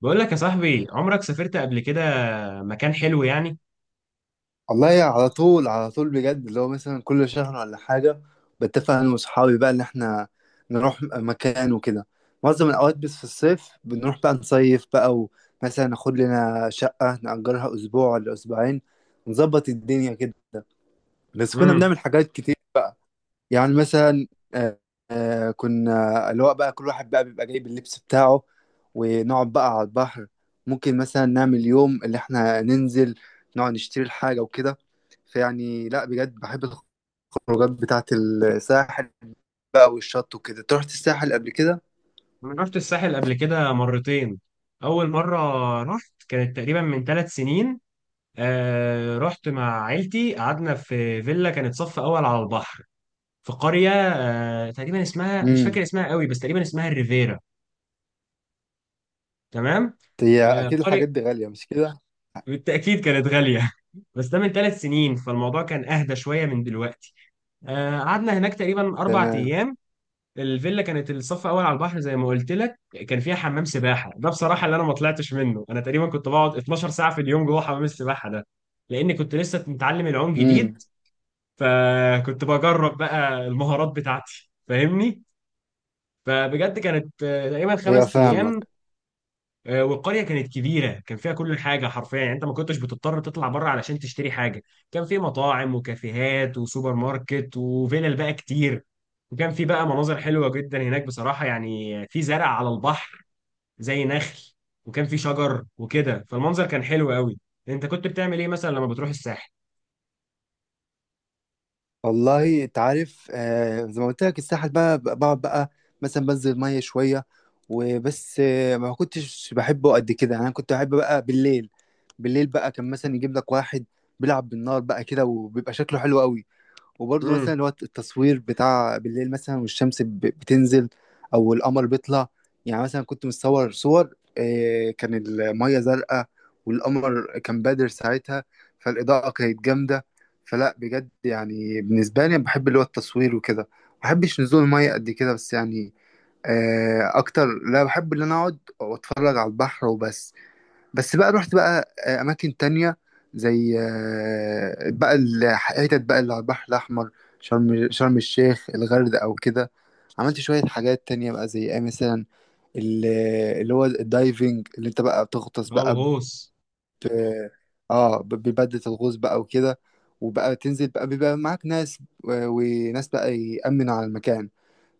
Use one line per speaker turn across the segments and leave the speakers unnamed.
بقول لك يا صاحبي، عمرك سافرت قبل كده؟ مكان حلو يعني.
والله يعني على طول على طول بجد اللي هو مثلا كل شهر ولا حاجة. بتفق أنا وصحابي بقى إن إحنا نروح مكان وكده. معظم الأوقات بس في الصيف بنروح بقى نصيف بقى. ومثلا ناخد لنا شقة نأجرها أسبوع ولا أسبوعين، نظبط الدنيا كده. بس كنا
امم.
بنعمل حاجات كتير. يعني مثلا آه، كنا اللي هو بقى كل واحد بقى بيبقى جايب اللبس بتاعه ونقعد بقى على البحر. ممكن مثلا نعمل يوم اللي احنا ننزل نقعد نشتري الحاجة وكده. فيعني لا بجد بحب الخروجات بتاعة الساحل بقى والشط وكده. أنت رحت الساحل قبل كده؟
انا رحت الساحل قبل كده مرتين. اول مره رحت كانت تقريبا من 3 سنين. آه، رحت مع عيلتي، قعدنا في فيلا كانت صف اول على البحر في قريه. آه، تقريبا اسمها، مش فاكر
امم.
اسمها قوي، بس تقريبا اسمها الريفيرا. تمام.
هي
آه،
اكيد
قريه.
الحاجات دي غالية مش كده؟
بالتاكيد كانت غاليه. بس ده من 3 سنين فالموضوع كان اهدى شويه من دلوقتي. آه، قعدنا هناك تقريبا اربع
تمام.
ايام الفيلا كانت الصف اول على البحر زي ما قلت لك. كان فيها حمام سباحه، ده بصراحه اللي انا ما طلعتش منه. انا تقريبا كنت بقعد 12 ساعه في اليوم جوه حمام السباحه ده لاني كنت لسه متعلم العوم جديد.
امم.
فكنت بجرب بقى المهارات بتاعتي. فاهمني؟ فبجد كانت تقريبا
هي
5 ايام.
فاهمك.
والقريه كانت كبيره، كان فيها كل حاجه حرفيا، يعني انت ما كنتش بتضطر تطلع بره علشان تشتري حاجه. كان في مطاعم وكافيهات وسوبر ماركت وفيلل بقى كتير. وكان في بقى مناظر حلوه جدا هناك بصراحه، يعني في زرع على البحر زي نخل، وكان في شجر وكده فالمنظر كان حلو قوي. انت كنت بتعمل ايه مثلا لما بتروح الساحل؟
والله انت عارف، آه زي ما قلت لك الساحل بقعد بقى مثلا بنزل ميه شويه وبس. آه، ما كنتش بحبه قد كده، يعني انا كنت بحب بقى بالليل. بالليل بقى كان مثلا يجيب لك واحد بيلعب بالنار بقى كده وبيبقى شكله حلو قوي. وبرضه
امم.
مثلا اللي هو التصوير بتاع بالليل، مثلا والشمس بتنزل او القمر بيطلع. يعني مثلا كنت متصور صور، كان المية زرقاء والقمر كان بادر ساعتها، فالإضاءة كانت جامدة. فلا بجد يعني بالنسبة لي بحب اللي هو التصوير وكده، ما بحبش نزول المية قد كده، بس يعني أكتر لا بحب اللي أنا أقعد وأتفرج على البحر وبس. بس بقى رحت بقى اماكن تانية زي بقى الحتت بقى اللي على البحر الاحمر. شرم الشيخ، الغردقة او كده. عملت شوية حاجات تانية بقى زي ايه مثلا؟ ال- اللي هو الدايفنج، اللي انت بقى بتغطس
اه،
بقى.
الغوص.
ت- بيبدل الغوص بقى وكده. وبقى تنزل بقى، بيبقى معاك ناس وناس بقى يأمن على المكان.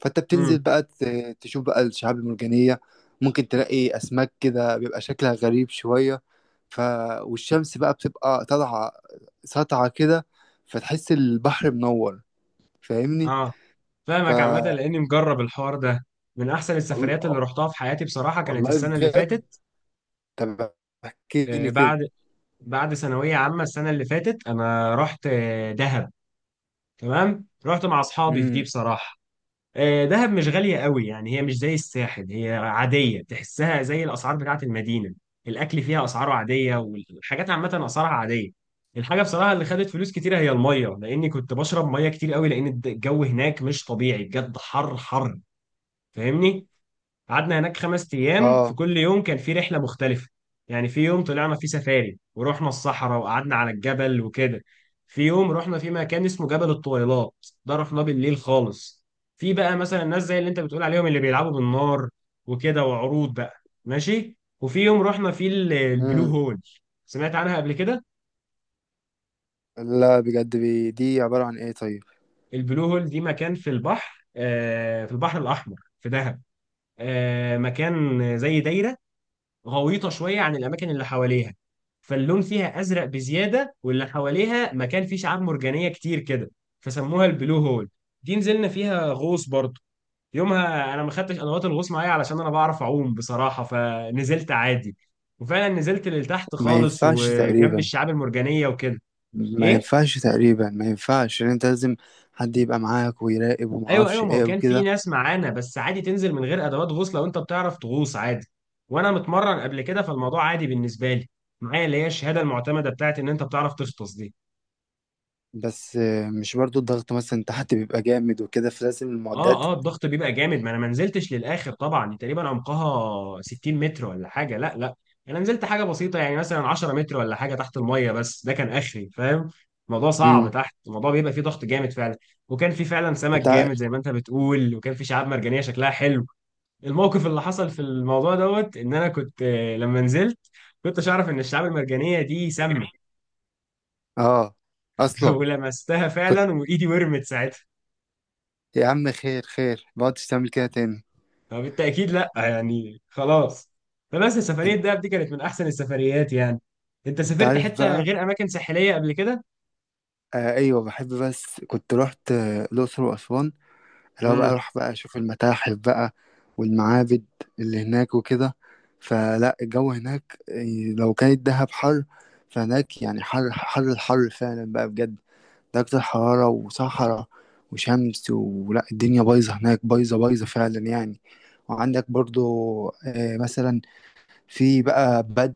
فانت بتنزل
امم.
بقى تشوف بقى الشعاب المرجانية. ممكن تلاقي أسماك كده بيبقى شكلها غريب شوية. ف والشمس بقى بتبقى طالعة ساطعة كده، فتحس البحر منور. فاهمني.
اه،
ف
فاهمك عامه لاني مجرب الحوار ده. من احسن
وال-
السفريات اللي رحتها في حياتي بصراحه كانت
والله
السنه اللي
بجد.
فاتت.
طب احكي لي كده.
بعد ثانوية عامة السنة اللي فاتت أنا رحت دهب. تمام. رحت مع أصحابي في دي
امم.
بصراحة. دهب مش غالية قوي، يعني هي مش زي الساحل، هي عادية تحسها زي الأسعار بتاعة المدينة. الأكل فيها أسعاره عادية، والحاجات عامة أسعارها عادية. الحاجة بصراحة اللي خدت فلوس كتيرة هي المية، لأني كنت بشرب مية كتير قوي، لأن الجو هناك مش طبيعي بجد، حر حر. فاهمني؟ قعدنا هناك 5 ايام، في
اه.
كل يوم كان في رحله مختلفه. يعني في يوم طلعنا فيه سفاري ورحنا الصحراء وقعدنا على الجبل وكده. في يوم رحنا في مكان اسمه جبل الطويلات، ده رحناه بالليل خالص. في بقى مثلا الناس زي اللي انت بتقول عليهم، اللي بيلعبوا بالنار وكده، وعروض بقى. ماشي. وفي يوم رحنا فيه البلو هول. سمعت عنها قبل كده؟
لا بجد، دي عبارة عن ايه طيب؟
البلو هول دي مكان في البحر، في البحر الاحمر في دهب. مكان زي دايره، غويطة شوية عن الأماكن اللي حواليها، فاللون فيها أزرق بزيادة واللي حواليها مكان فيه شعاب مرجانية كتير كده، فسموها البلو هول. دي نزلنا فيها غوص برضه. يومها أنا ما خدتش أدوات الغوص معايا علشان أنا بعرف أعوم بصراحة فنزلت عادي. وفعلا نزلت لتحت
ما
خالص
ينفعش
وجنب
تقريبا،
الشعاب المرجانية وكده. إيه؟
ما ينفعش ان انت لازم حد يبقى معاك ويراقب
ايوه، ايوه،
ومعرفش
ما هو
ايه
كان في
وكده.
ناس معانا، بس عادي تنزل من غير ادوات غوص لو انت بتعرف تغوص عادي. وانا متمرن قبل كده فالموضوع عادي بالنسبه لي. معايا اللي هي الشهاده المعتمده بتاعت ان انت بتعرف تغطس دي.
بس آه، مش برضو الضغط مثلا تحت بيبقى جامد وكده فلازم المعدات.
اه، اه، الضغط بيبقى جامد، ما انا ما نزلتش للاخر طبعا، تقريبا عمقها 60 متر ولا حاجه، لا لا. انا نزلت حاجه بسيطه يعني مثلا 10 متر ولا حاجه تحت الميه، بس ده كان اخري. فاهم؟ الموضوع صعب
امم.
تحت، الموضوع بيبقى فيه ضغط جامد فعلا. وكان في فعلا سمك
انت ع-
جامد زي ما انت بتقول، وكان في شعاب مرجانيه شكلها حلو. الموقف اللي حصل في الموضوع دوت، ان انا كنت، لما نزلت كنتش اعرف ان الشعاب المرجانيه دي سامه.
اه اصلا
ولمستها
كنت.
فعلا وايدي ورمت ساعتها.
يا عم خير خير، ما عدتش تعمل كده تاني.
فبالتاكيد لا، يعني خلاص. فبس سفريه دهب دي كانت من احسن السفريات يعني. انت
انت
سافرت
عارف
حته
بقى،
غير اماكن ساحليه قبل كده؟
آه ايوه بحب. بس كنت رحت الاقصر واسوان، اللي هو بقى
امم،
اروح بقى اشوف المتاحف بقى والمعابد اللي هناك وكده. فلا الجو هناك إيه، لو كانت دهب حر فهناك يعني حر حر، الحر فعلا بقى بجد، درجة حرارة وصحراء وشمس. ولا الدنيا بايظة هناك، بايظة بايظة فعلا يعني. وعندك برضو مثلا في بقى بدو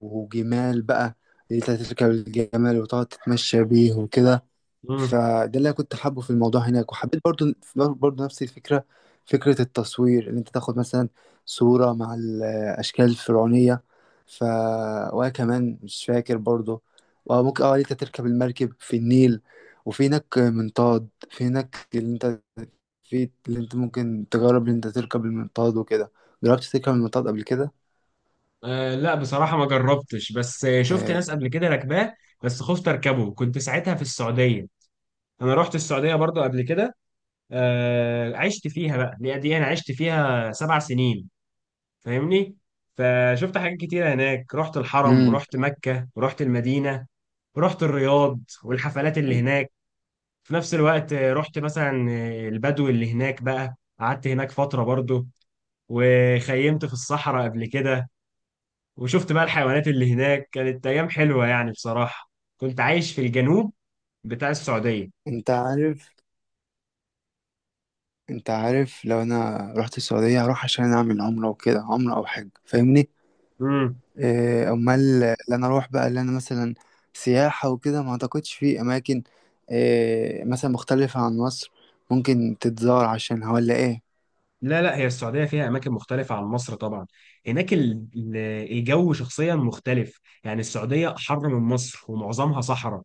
وجمال بقى، اللي انت تركب الجمال وتقعد تتمشى بيه وكده.
امم.
فده اللي أنا كنت حابه في الموضوع هناك. وحبيت برضو برضو نفس الفكرة، فكرة التصوير إن أنت تاخد مثلا صورة مع الأشكال الفرعونية. ف وأنا كمان مش فاكر برضو. وممكن اه إن أنت تركب المركب في النيل. وفي هناك منطاد، في هناك اللي أنت ممكن تجرب إن أنت تركب المنطاد وكده. جربت تركب المنطاد قبل كده؟
آه، لا بصراحه ما جربتش، بس شفت
آه.
ناس قبل كده راكباه. بس خفت اركبه، كنت ساعتها في السعوديه. انا رحت السعوديه برضو قبل كده. عشت فيها بقى، اللي هي دي انا عشت فيها 7 سنين. فاهمني؟ فشفت حاجات كتيرة هناك، رحت الحرم
امم.
ورحت مكة ورحت المدينة ورحت الرياض والحفلات اللي هناك. في نفس الوقت رحت مثلا البدو اللي هناك، بقى قعدت هناك فترة برضو. وخيمت في الصحراء قبل كده، وشفت بقى الحيوانات اللي هناك، كانت أيام حلوة يعني بصراحة. كنت عايش في الجنوب بتاع السعودية.
أنت عارف، انت عارف لو انا رحت السعودية هروح عشان اعمل عمرة وكده، عمرة او حج، فاهمني. اه، امال اللي انا اروح بقى، اللي انا مثلا سياحة وكده، ما اعتقدش في اماكن اه، مثلا مختلفة عن مصر ممكن تتزار عشانها ولا ايه.
لا لا، هي السعودية فيها أماكن مختلفة عن مصر طبعا. هناك الجو شخصيا مختلف، يعني السعودية حر من مصر ومعظمها صحراء.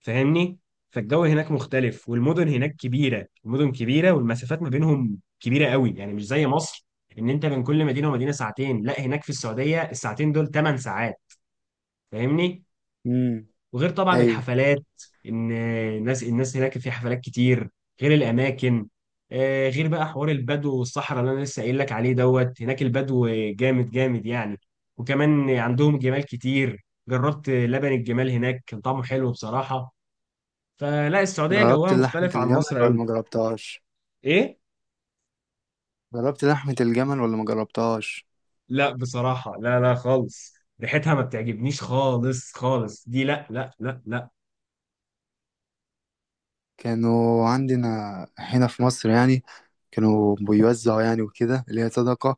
فاهمني؟ فالجو هناك مختلف، والمدن هناك كبيرة، المدن كبيرة والمسافات ما بينهم كبيرة قوي يعني، مش زي مصر إن أنت بين كل مدينة ومدينة ساعتين. لا، هناك في السعودية الساعتين دول 8 ساعات. فاهمني؟
امم.
وغير طبعا
ايوه.
الحفلات، ان الناس هناك في حفلات كتير. غير الاماكن. غير بقى حوار البدو والصحراء اللي انا لسه قايل لك عليه دوت، هناك البدو جامد جامد يعني. وكمان عندهم جمال كتير، جربت لبن الجمال هناك كان طعمه حلو بصراحة. فلا السعودية جوها
جربت لحمة
مختلف عن
الجمل
مصر
ولا
قوي.
ما جربتهاش
ايه؟
جربت لحمة الجمل ولا ما جربتهاش؟
لا بصراحة، لا لا خالص. ريحتها ما بتعجبنيش خالص خالص دي، لا لا لا لا.
كانوا عندنا هنا في مصر يعني، كانوا بيوزعوا يعني وكده اللي هي صدقة.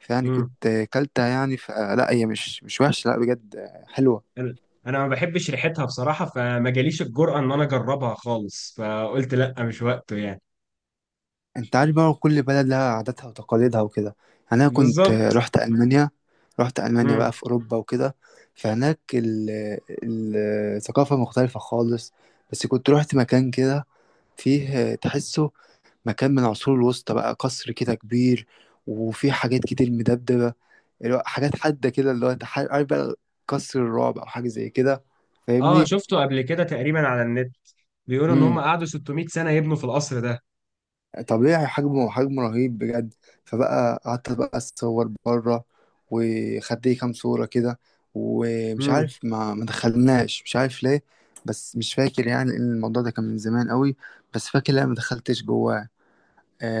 فيعني
مم.
كنت كلتها يعني، ف لا هي مش وحشة، لا بجد حلوة.
انا انا ما بحبش ريحتها بصراحه، فما جاليش الجرأه ان انا اجربها خالص. فقلت لا، مش وقته يعني.
انت عارف بقى كل بلد لها عاداتها وتقاليدها وكده. يعني انا كنت
بالظبط.
رحت ألمانيا، رحت ألمانيا
امم.
بقى في أوروبا وكده. فهناك ال- الثقافة مختلفة خالص. بس كنت رحت مكان كده فيه تحسه مكان من العصور الوسطى بقى، قصر كده كبير وفيه حاجات كتير مدبدبة، اللي هو حاجات حادة كده، اللي هو عارف بقى قصر الرعب أو حاجة زي كده،
اه،
فاهمني؟
شفته قبل كده تقريبا على النت. بيقولوا ان
امم.
هم قعدوا 600 سنه يبنوا في القصر ده.
طبيعي حجمه، رهيب بجد. فبقى قعدت بقى اتصور بره، وخدت لي كام صورة كده. ومش
امم.
عارف، ما دخلناش، مش عارف ليه. بس مش فاكر يعني ان الموضوع ده كان من زمان قوي، بس فاكر لا ما دخلتش جواه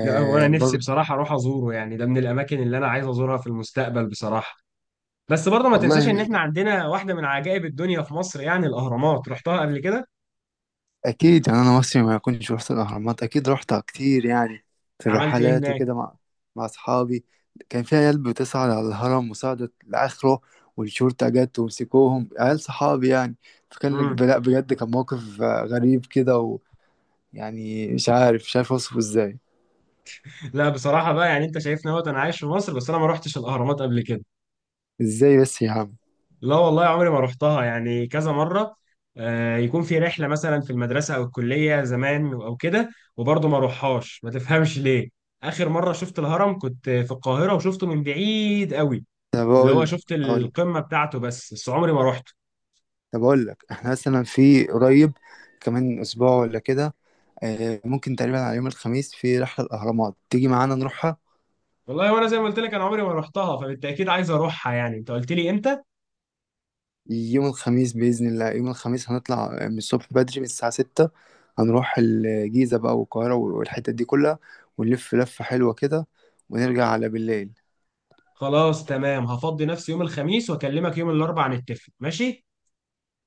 لا هو انا نفسي
برضه.
بصراحه اروح ازوره، يعني ده من الاماكن اللي انا عايز ازورها في المستقبل بصراحه. بس برضه ما تنساش ان
والله
احنا عندنا واحده من عجائب الدنيا في مصر، يعني الاهرامات رحتها قبل كده.
اكيد، يعني انا مصري ما كنتش رحت الاهرامات؟ اكيد رحتها كتير يعني، في
عملت ايه
الرحلات
هناك؟
وكده مع مع اصحابي. كان في عيال بتصعد على الهرم وصعدت لاخره، والشرطه جت ومسكوهم عيال صحابي يعني. فكان لك
امم.
لا بجد كان موقف غريب كده، ويعني مش عارف اوصفه ازاي.
لا بصراحه بقى، يعني انت شايفني اهوت انا عايش في مصر بس انا ما رحتش الاهرامات قبل كده.
ازاي بس يا عم؟
لا والله عمري ما رحتها، يعني كذا مرة يكون في رحلة مثلا في المدرسة أو الكلية زمان أو كده، وبرضه ما روحهاش ما تفهمش ليه. آخر مرة شفت الهرم كنت في القاهرة وشفته من بعيد قوي،
طب
اللي هو شفت القمة بتاعته، بس عمري ما روحته.
اقول لك احنا مثلا في قريب، كمان اسبوع ولا كده، ممكن تقريبا على يوم الخميس في رحله الاهرامات، تيجي معانا نروح؟
والله، وأنا زي ما قلت لك أنا عمري ما روحتها فبالتأكيد عايز أروحها. يعني أنت قلت لي إمتى؟
يوم الخميس بإذن الله، يوم الخميس هنطلع من الصبح بدري من الساعة 6. هنروح الجيزة بقى والقاهرة والحتت دي كلها، ونلف لفة حلوة كده، ونرجع على بالليل.
خلاص تمام، هفضي نفسي يوم الخميس وأكلمك يوم الأربعاء نتفق. ماشي؟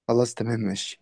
خلاص تمام ماشي.